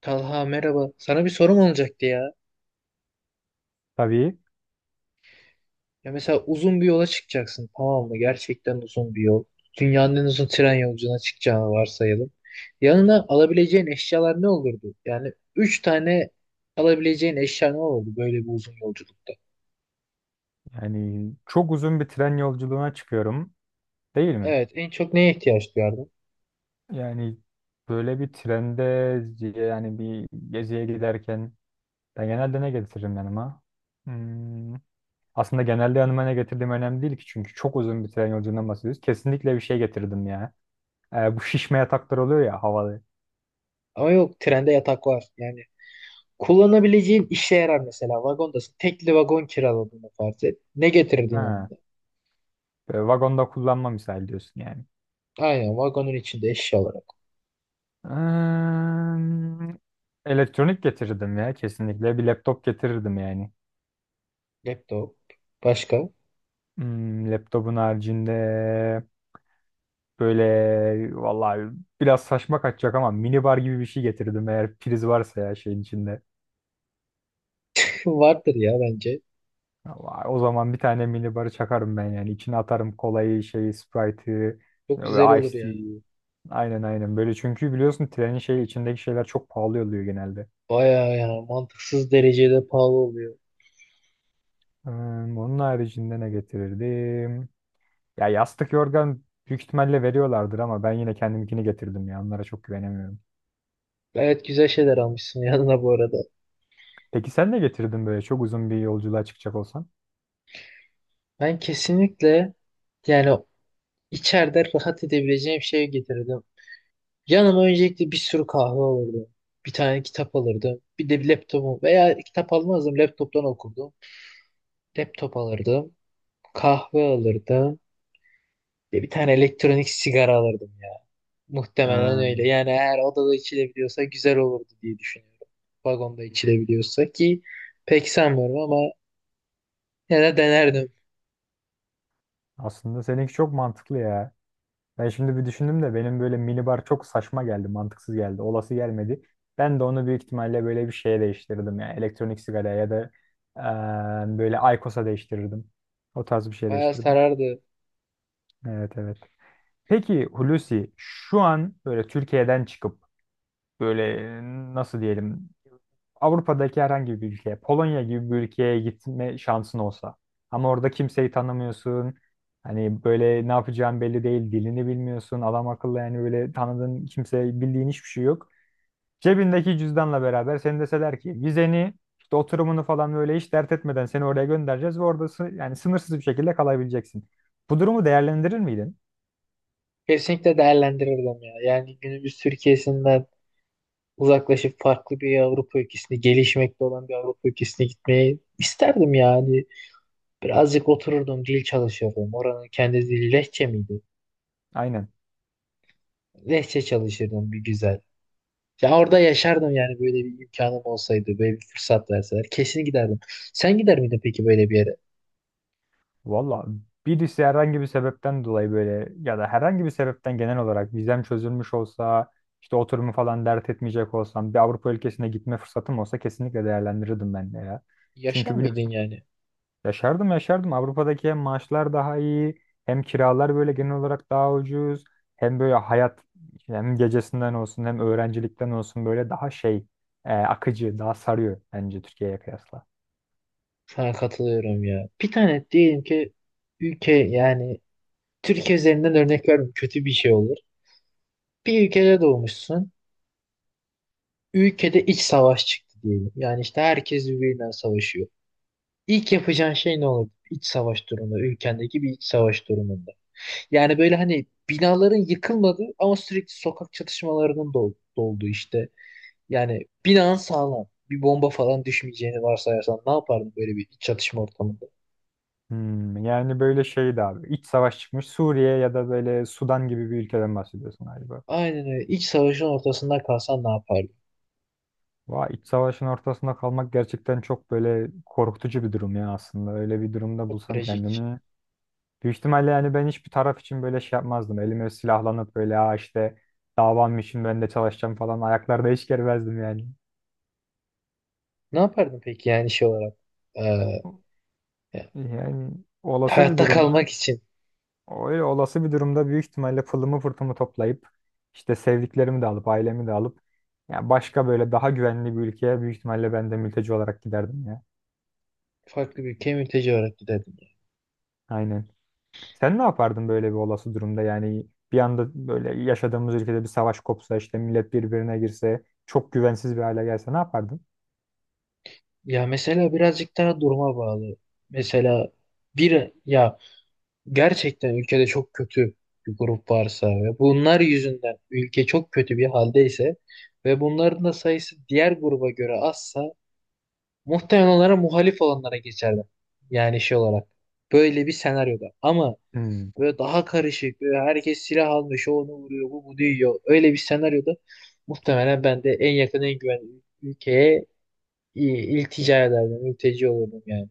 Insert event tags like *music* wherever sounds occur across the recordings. Talha merhaba. Sana bir sorum olacaktı ya. Tabii. Ya mesela uzun bir yola çıkacaksın tamam mı? Gerçekten uzun bir yol. Dünyanın en uzun tren yolculuğuna çıkacağını varsayalım. Yanına alabileceğin eşyalar ne olurdu? Yani üç tane alabileceğin eşya ne olurdu böyle bir uzun yolculukta? Yani çok uzun bir tren yolculuğuna çıkıyorum, değil mi? Evet, en çok neye ihtiyaç duyardın? Yani böyle bir trende, yani bir geziye giderken ben genelde ne getiririm yanıma? Hmm, aslında genelde yanıma ne getirdiğim önemli değil ki, çünkü çok uzun bir tren yolculuğundan bahsediyoruz. Kesinlikle bir şey getirdim ya. Bu şişme yataklar oluyor ya, havalı. Ama yok, trende yatak var. Yani kullanabileceğin işe yarar mesela. Vagondasın. Tekli vagon kiraladığını farz et. Ne getirirdin Ha, yanında? böyle vagonda kullanma misal diyorsun yani. Aynen, vagonun içinde eşya olarak. Hmm, elektronik getirdim ya, kesinlikle bir laptop getirirdim yani. Laptop. Başka? Hmm, laptopun haricinde böyle vallahi biraz saçma kaçacak ama minibar gibi bir şey getirdim eğer priz varsa ya şeyin içinde. Vardır ya bence. Ama o zaman bir tane minibarı çakarım ben yani. İçine atarım kolayı, şeyi, Sprite'ı Çok güzel ve Ice olur yani. Tea'yi. Aynen aynen, böyle çünkü biliyorsun trenin şey içindeki şeyler çok pahalı oluyor genelde. Bayağı yani, mantıksız derecede pahalı oluyor. Hmm, onun haricinde ne getirirdim? Ya yastık yorgan büyük ihtimalle veriyorlardır ama ben yine kendimkini getirdim ya, onlara çok güvenemiyorum. Gayet güzel şeyler almışsın *laughs* yanına bu arada. Peki sen ne getirdin böyle çok uzun bir yolculuğa çıkacak olsan? Ben kesinlikle yani içeride rahat edebileceğim şey getirdim. Yanıma öncelikle bir sürü kahve alırdım. Bir tane kitap alırdım. Bir de bir laptopu veya kitap almazdım. Laptoptan okurdum. Laptop alırdım. Kahve alırdım ve bir tane elektronik sigara alırdım. Muhtemelen Ha, öyle. Yani eğer odada içilebiliyorsa güzel olurdu diye düşünüyorum. Vagonda içilebiliyorsa ki pek sanmıyorum ama yine denerdim. aslında seninki çok mantıklı ya. Ben şimdi bir düşündüm de benim böyle minibar çok saçma geldi, mantıksız geldi, olası gelmedi. Ben de onu büyük ihtimalle böyle bir şeye değiştirirdim, yani elektronik sigaraya ya da böyle aykosa değiştirirdim. O tarz bir şey Bayağı değiştirirdim. sarardı. Evet, evet. Peki Hulusi, şu an böyle Türkiye'den çıkıp böyle, nasıl diyelim, Avrupa'daki herhangi bir ülkeye, Polonya gibi bir ülkeye gitme şansın olsa. Ama orada kimseyi tanımıyorsun. Hani böyle ne yapacağın belli değil, dilini bilmiyorsun. Adam akıllı yani, böyle tanıdığın kimse, bildiğin hiçbir şey yok. Cebindeki cüzdanla beraber seni deseler ki vizeni, işte oturumunu falan böyle hiç dert etmeden seni oraya göndereceğiz ve orada yani sınırsız bir şekilde kalabileceksin. Bu durumu değerlendirir miydin? Kesinlikle değerlendirirdim ya. Yani günümüz Türkiye'sinden uzaklaşıp farklı bir Avrupa ülkesine, gelişmekte olan bir Avrupa ülkesine gitmeyi isterdim yani. Birazcık otururdum, dil çalışırdım. Oranın kendi dili Lehçe miydi? Aynen. Lehçe çalışırdım bir güzel. Ya orada yaşardım yani, böyle bir imkanım olsaydı, böyle bir fırsat verseler. Kesin giderdim. Sen gider miydin peki böyle bir yere? Valla, birisi herhangi bir sebepten dolayı böyle ya da herhangi bir sebepten genel olarak vizem çözülmüş olsa, işte oturumu falan dert etmeyecek olsam, bir Avrupa ülkesine gitme fırsatım olsa kesinlikle değerlendirirdim ben de ya. Yaşar Çünkü mıydın biliyorsun, yani? yaşardım yaşardım. Avrupa'daki hem maaşlar daha iyi, hem kiralar böyle genel olarak daha ucuz, hem böyle hayat, hem gecesinden olsun hem öğrencilikten olsun böyle daha şey, akıcı, daha sarıyor bence Türkiye'ye kıyasla. Sana katılıyorum ya. Bir tane diyelim ki ülke, yani Türkiye üzerinden örnek vermem kötü bir şey olur. Bir ülkede doğmuşsun. Ülkede iç savaş çıktı diyelim. Yani işte herkes birbirinden savaşıyor. İlk yapacağın şey ne olur? İç savaş durumunda, ülkendeki bir iç savaş durumunda. Yani böyle hani binaların yıkılmadığı ama sürekli sokak çatışmalarının da olduğu işte. Yani binan sağlam. Bir bomba falan düşmeyeceğini varsayarsan ne yapardın böyle bir iç çatışma ortamında? Hmm, yani böyle şeydi abi. İç savaş çıkmış Suriye ya da böyle Sudan gibi bir ülkeden bahsediyorsun galiba. Aynen öyle. İç savaşın ortasında kalsan ne yapardın? Vay, iç savaşın ortasında kalmak gerçekten çok böyle korkutucu bir durum ya aslında. Öyle bir durumda Çok bulsam trajik. kendimi. Büyük ihtimalle yani ben hiçbir taraf için böyle şey yapmazdım. Elime silahlanıp böyle, ha işte davam için ben de çalışacağım falan ayaklarda hiç germezdim yani. Ne yapardın peki yani şey olarak? Ee, ya, Yani olası bir hayatta durumda, kalmak için öyle olası bir durumda büyük ihtimalle pılımı pırtımı toplayıp, işte sevdiklerimi de alıp, ailemi de alıp, ya başka böyle daha güvenli bir ülkeye büyük ihtimalle ben de mülteci olarak giderdim ya. farklı bir ülkeye mülteci olarak giderdin. Aynen. Sen ne yapardın böyle bir olası durumda? Yani bir anda böyle yaşadığımız ülkede bir savaş kopsa, işte millet birbirine girse, çok güvensiz bir hale gelse ne yapardın? Ya mesela birazcık daha duruma bağlı. Mesela bir ya, gerçekten ülkede çok kötü bir grup varsa ve bunlar yüzünden ülke çok kötü bir haldeyse ve bunların da sayısı diğer gruba göre azsa, muhtemelen onlara, muhalif olanlara geçerdim. Yani şey olarak. Böyle bir senaryoda. Ama Hmm. böyle daha karışık. Böyle herkes silah almış. O onu vuruyor. Bu bunu yiyor. Öyle bir senaryoda muhtemelen ben de en yakın en güvenli ülkeye i- iltica ederdim. Mülteci olurdum yani.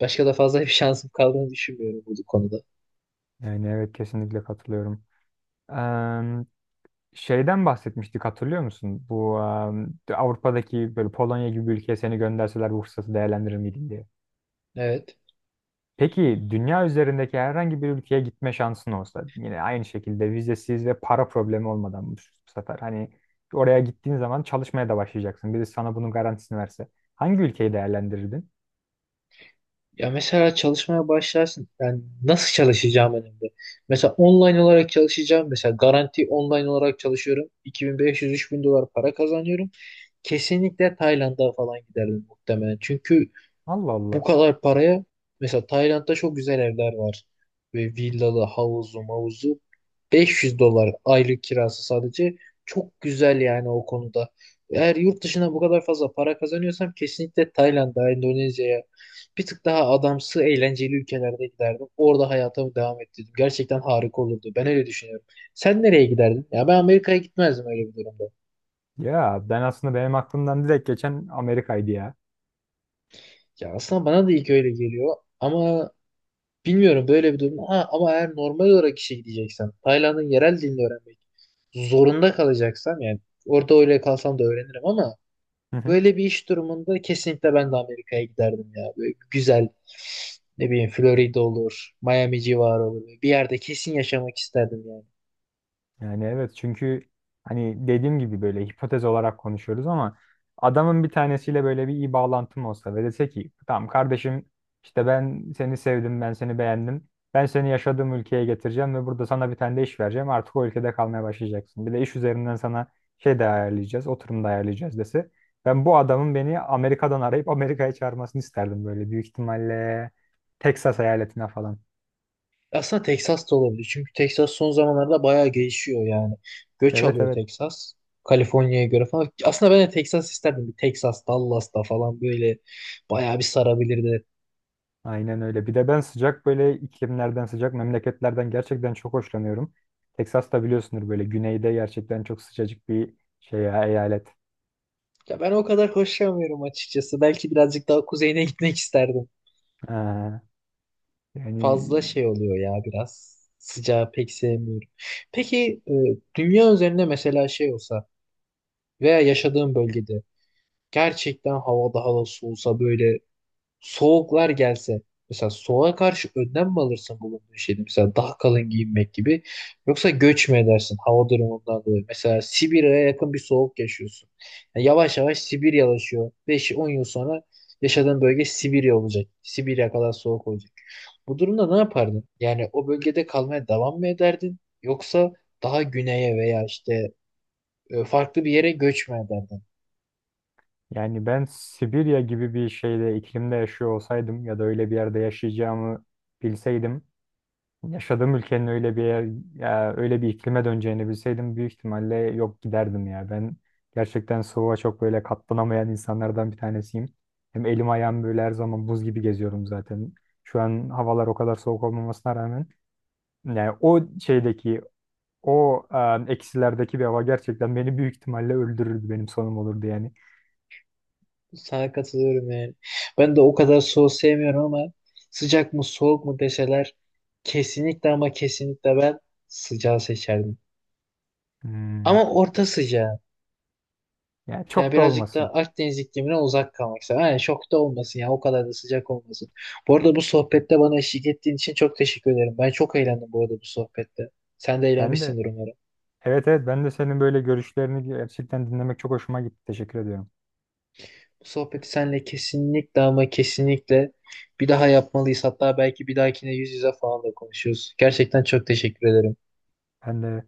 Başka da fazla bir *laughs* şansım kaldığını düşünmüyorum bu konuda. Yani evet, kesinlikle katılıyorum. Em, Şeyden bahsetmiştik, hatırlıyor musun? Bu Avrupa'daki böyle Polonya gibi bir ülkeye seni gönderseler bu fırsatı değerlendirir miydin diye. Evet. Peki dünya üzerindeki herhangi bir ülkeye gitme şansın olsa, yine aynı şekilde vizesiz ve para problemi olmadan, bu bu sefer hani oraya gittiğin zaman çalışmaya da başlayacaksın. Birisi sana bunun garantisini verse, hangi ülkeyi değerlendirirdin? Ya mesela çalışmaya başlarsın. Yani nasıl çalışacağım önemli. Mesela online olarak çalışacağım. Mesela garanti online olarak çalışıyorum. 2500-3000 dolar para kazanıyorum. Kesinlikle Tayland'a falan giderdim muhtemelen. Çünkü Allah bu Allah. kadar paraya, mesela Tayland'da çok güzel evler var. Ve villalı, havuzlu, mavuzlu. 500 dolar aylık kirası sadece. Çok güzel yani o konuda. Eğer yurt dışına bu kadar fazla para kazanıyorsam kesinlikle Tayland'a, Endonezya'ya, bir tık daha adamsı, eğlenceli ülkelerde giderdim. Orada hayatımı devam ettirdim. Gerçekten harika olurdu. Ben öyle düşünüyorum. Sen nereye giderdin? Ya ben Amerika'ya gitmezdim öyle bir durumda. Ya ben aslında, benim aklımdan direkt geçen Amerika'ydı ya. Ya aslında bana da ilk öyle geliyor ama bilmiyorum böyle bir durum. Ha, ama eğer normal olarak işe gideceksen, Tayland'ın yerel dilini öğrenmek zorunda kalacaksam yani, orada öyle kalsam da öğrenirim ama *laughs* böyle bir iş durumunda kesinlikle ben de Amerika'ya giderdim ya. Böyle güzel, ne bileyim, Florida olur, Miami civarı olur. Bir yerde kesin yaşamak isterdim yani. Yani evet, çünkü hani dediğim gibi böyle hipotez olarak konuşuyoruz ama adamın bir tanesiyle böyle bir iyi bağlantım olsa ve dese ki tamam kardeşim, işte ben seni sevdim, ben seni beğendim, ben seni yaşadığım ülkeye getireceğim ve burada sana bir tane de iş vereceğim, artık o ülkede kalmaya başlayacaksın, bir de iş üzerinden sana şey de ayarlayacağız, oturum da ayarlayacağız dese, ben bu adamın beni Amerika'dan arayıp Amerika'ya çağırmasını isterdim böyle büyük ihtimalle. Texas eyaletine falan. Aslında Texas da olabilir. Çünkü Texas son zamanlarda bayağı gelişiyor yani. Göç Evet, alıyor evet. Texas. Kaliforniya'ya göre falan. Aslında ben de Texas isterdim. Bir Texas, Dallas'ta falan böyle bayağı bir sarabilirdi. Aynen öyle. Bir de ben sıcak böyle iklimlerden, sıcak memleketlerden gerçekten çok hoşlanıyorum. Texas da biliyorsundur böyle güneyde, gerçekten çok sıcacık bir şey ya, eyalet. Ya ben o kadar hoşlanmıyorum açıkçası. Belki birazcık daha kuzeyine gitmek isterdim. Ee, Yani, Fazla şey oluyor ya biraz. Sıcağı pek sevmiyorum. Peki dünya üzerinde mesela şey olsa veya yaşadığım bölgede gerçekten hava daha da soğusa, böyle soğuklar gelse, mesela soğuğa karşı önlem mi alırsın bulunduğun şeyde, mesela daha kalın giyinmek gibi, yoksa göç mü edersin hava durumundan dolayı? Mesela Sibirya'ya yakın bir soğuk yaşıyorsun. Yani yavaş yavaş Sibiryalaşıyor, 5-10 yıl sonra yaşadığın bölge Sibirya olacak, Sibirya kadar soğuk olacak. Bu durumda ne yapardın yani? O bölgede kalmaya devam mı ederdin, yoksa daha güneye veya işte farklı bir yere göç mü ederdin? yani ben Sibirya gibi bir şeyde, iklimde yaşıyor olsaydım ya da öyle bir yerde yaşayacağımı bilseydim, yaşadığım ülkenin öyle bir yer, ya öyle bir iklime döneceğini bilseydim büyük ihtimalle yok, giderdim ya. Ben gerçekten soğuğa çok böyle katlanamayan insanlardan bir tanesiyim. Hem elim ayağım böyle her zaman buz gibi, geziyorum zaten. Şu an havalar o kadar soğuk olmamasına rağmen, yani o şeydeki o, eksilerdeki bir hava gerçekten beni büyük ihtimalle öldürürdü. Benim sonum olurdu yani. Sana katılıyorum yani. Ben de o kadar soğuk sevmiyorum ama sıcak mı soğuk mu deseler, kesinlikle ama kesinlikle ben sıcağı seçerdim. Hmm, Ama orta sıcağı. yani Yani çok da birazcık olmasın. da Akdeniz iklimine uzak kalmak istedim. Yani çok da olmasın ya, o kadar da sıcak olmasın. Bu arada bu sohbette bana eşlik ettiğin için çok teşekkür ederim. Ben çok eğlendim bu arada bu sohbette. Sen de Ben de, eğlenmişsindir umarım. evet evet, ben de senin böyle görüşlerini gerçekten dinlemek çok hoşuma gitti. Teşekkür ediyorum. Bu sohbeti seninle kesinlikle ama kesinlikle bir daha yapmalıyız. Hatta belki bir dahakine yüz yüze falan da konuşuyoruz. Gerçekten çok teşekkür ederim. Ben de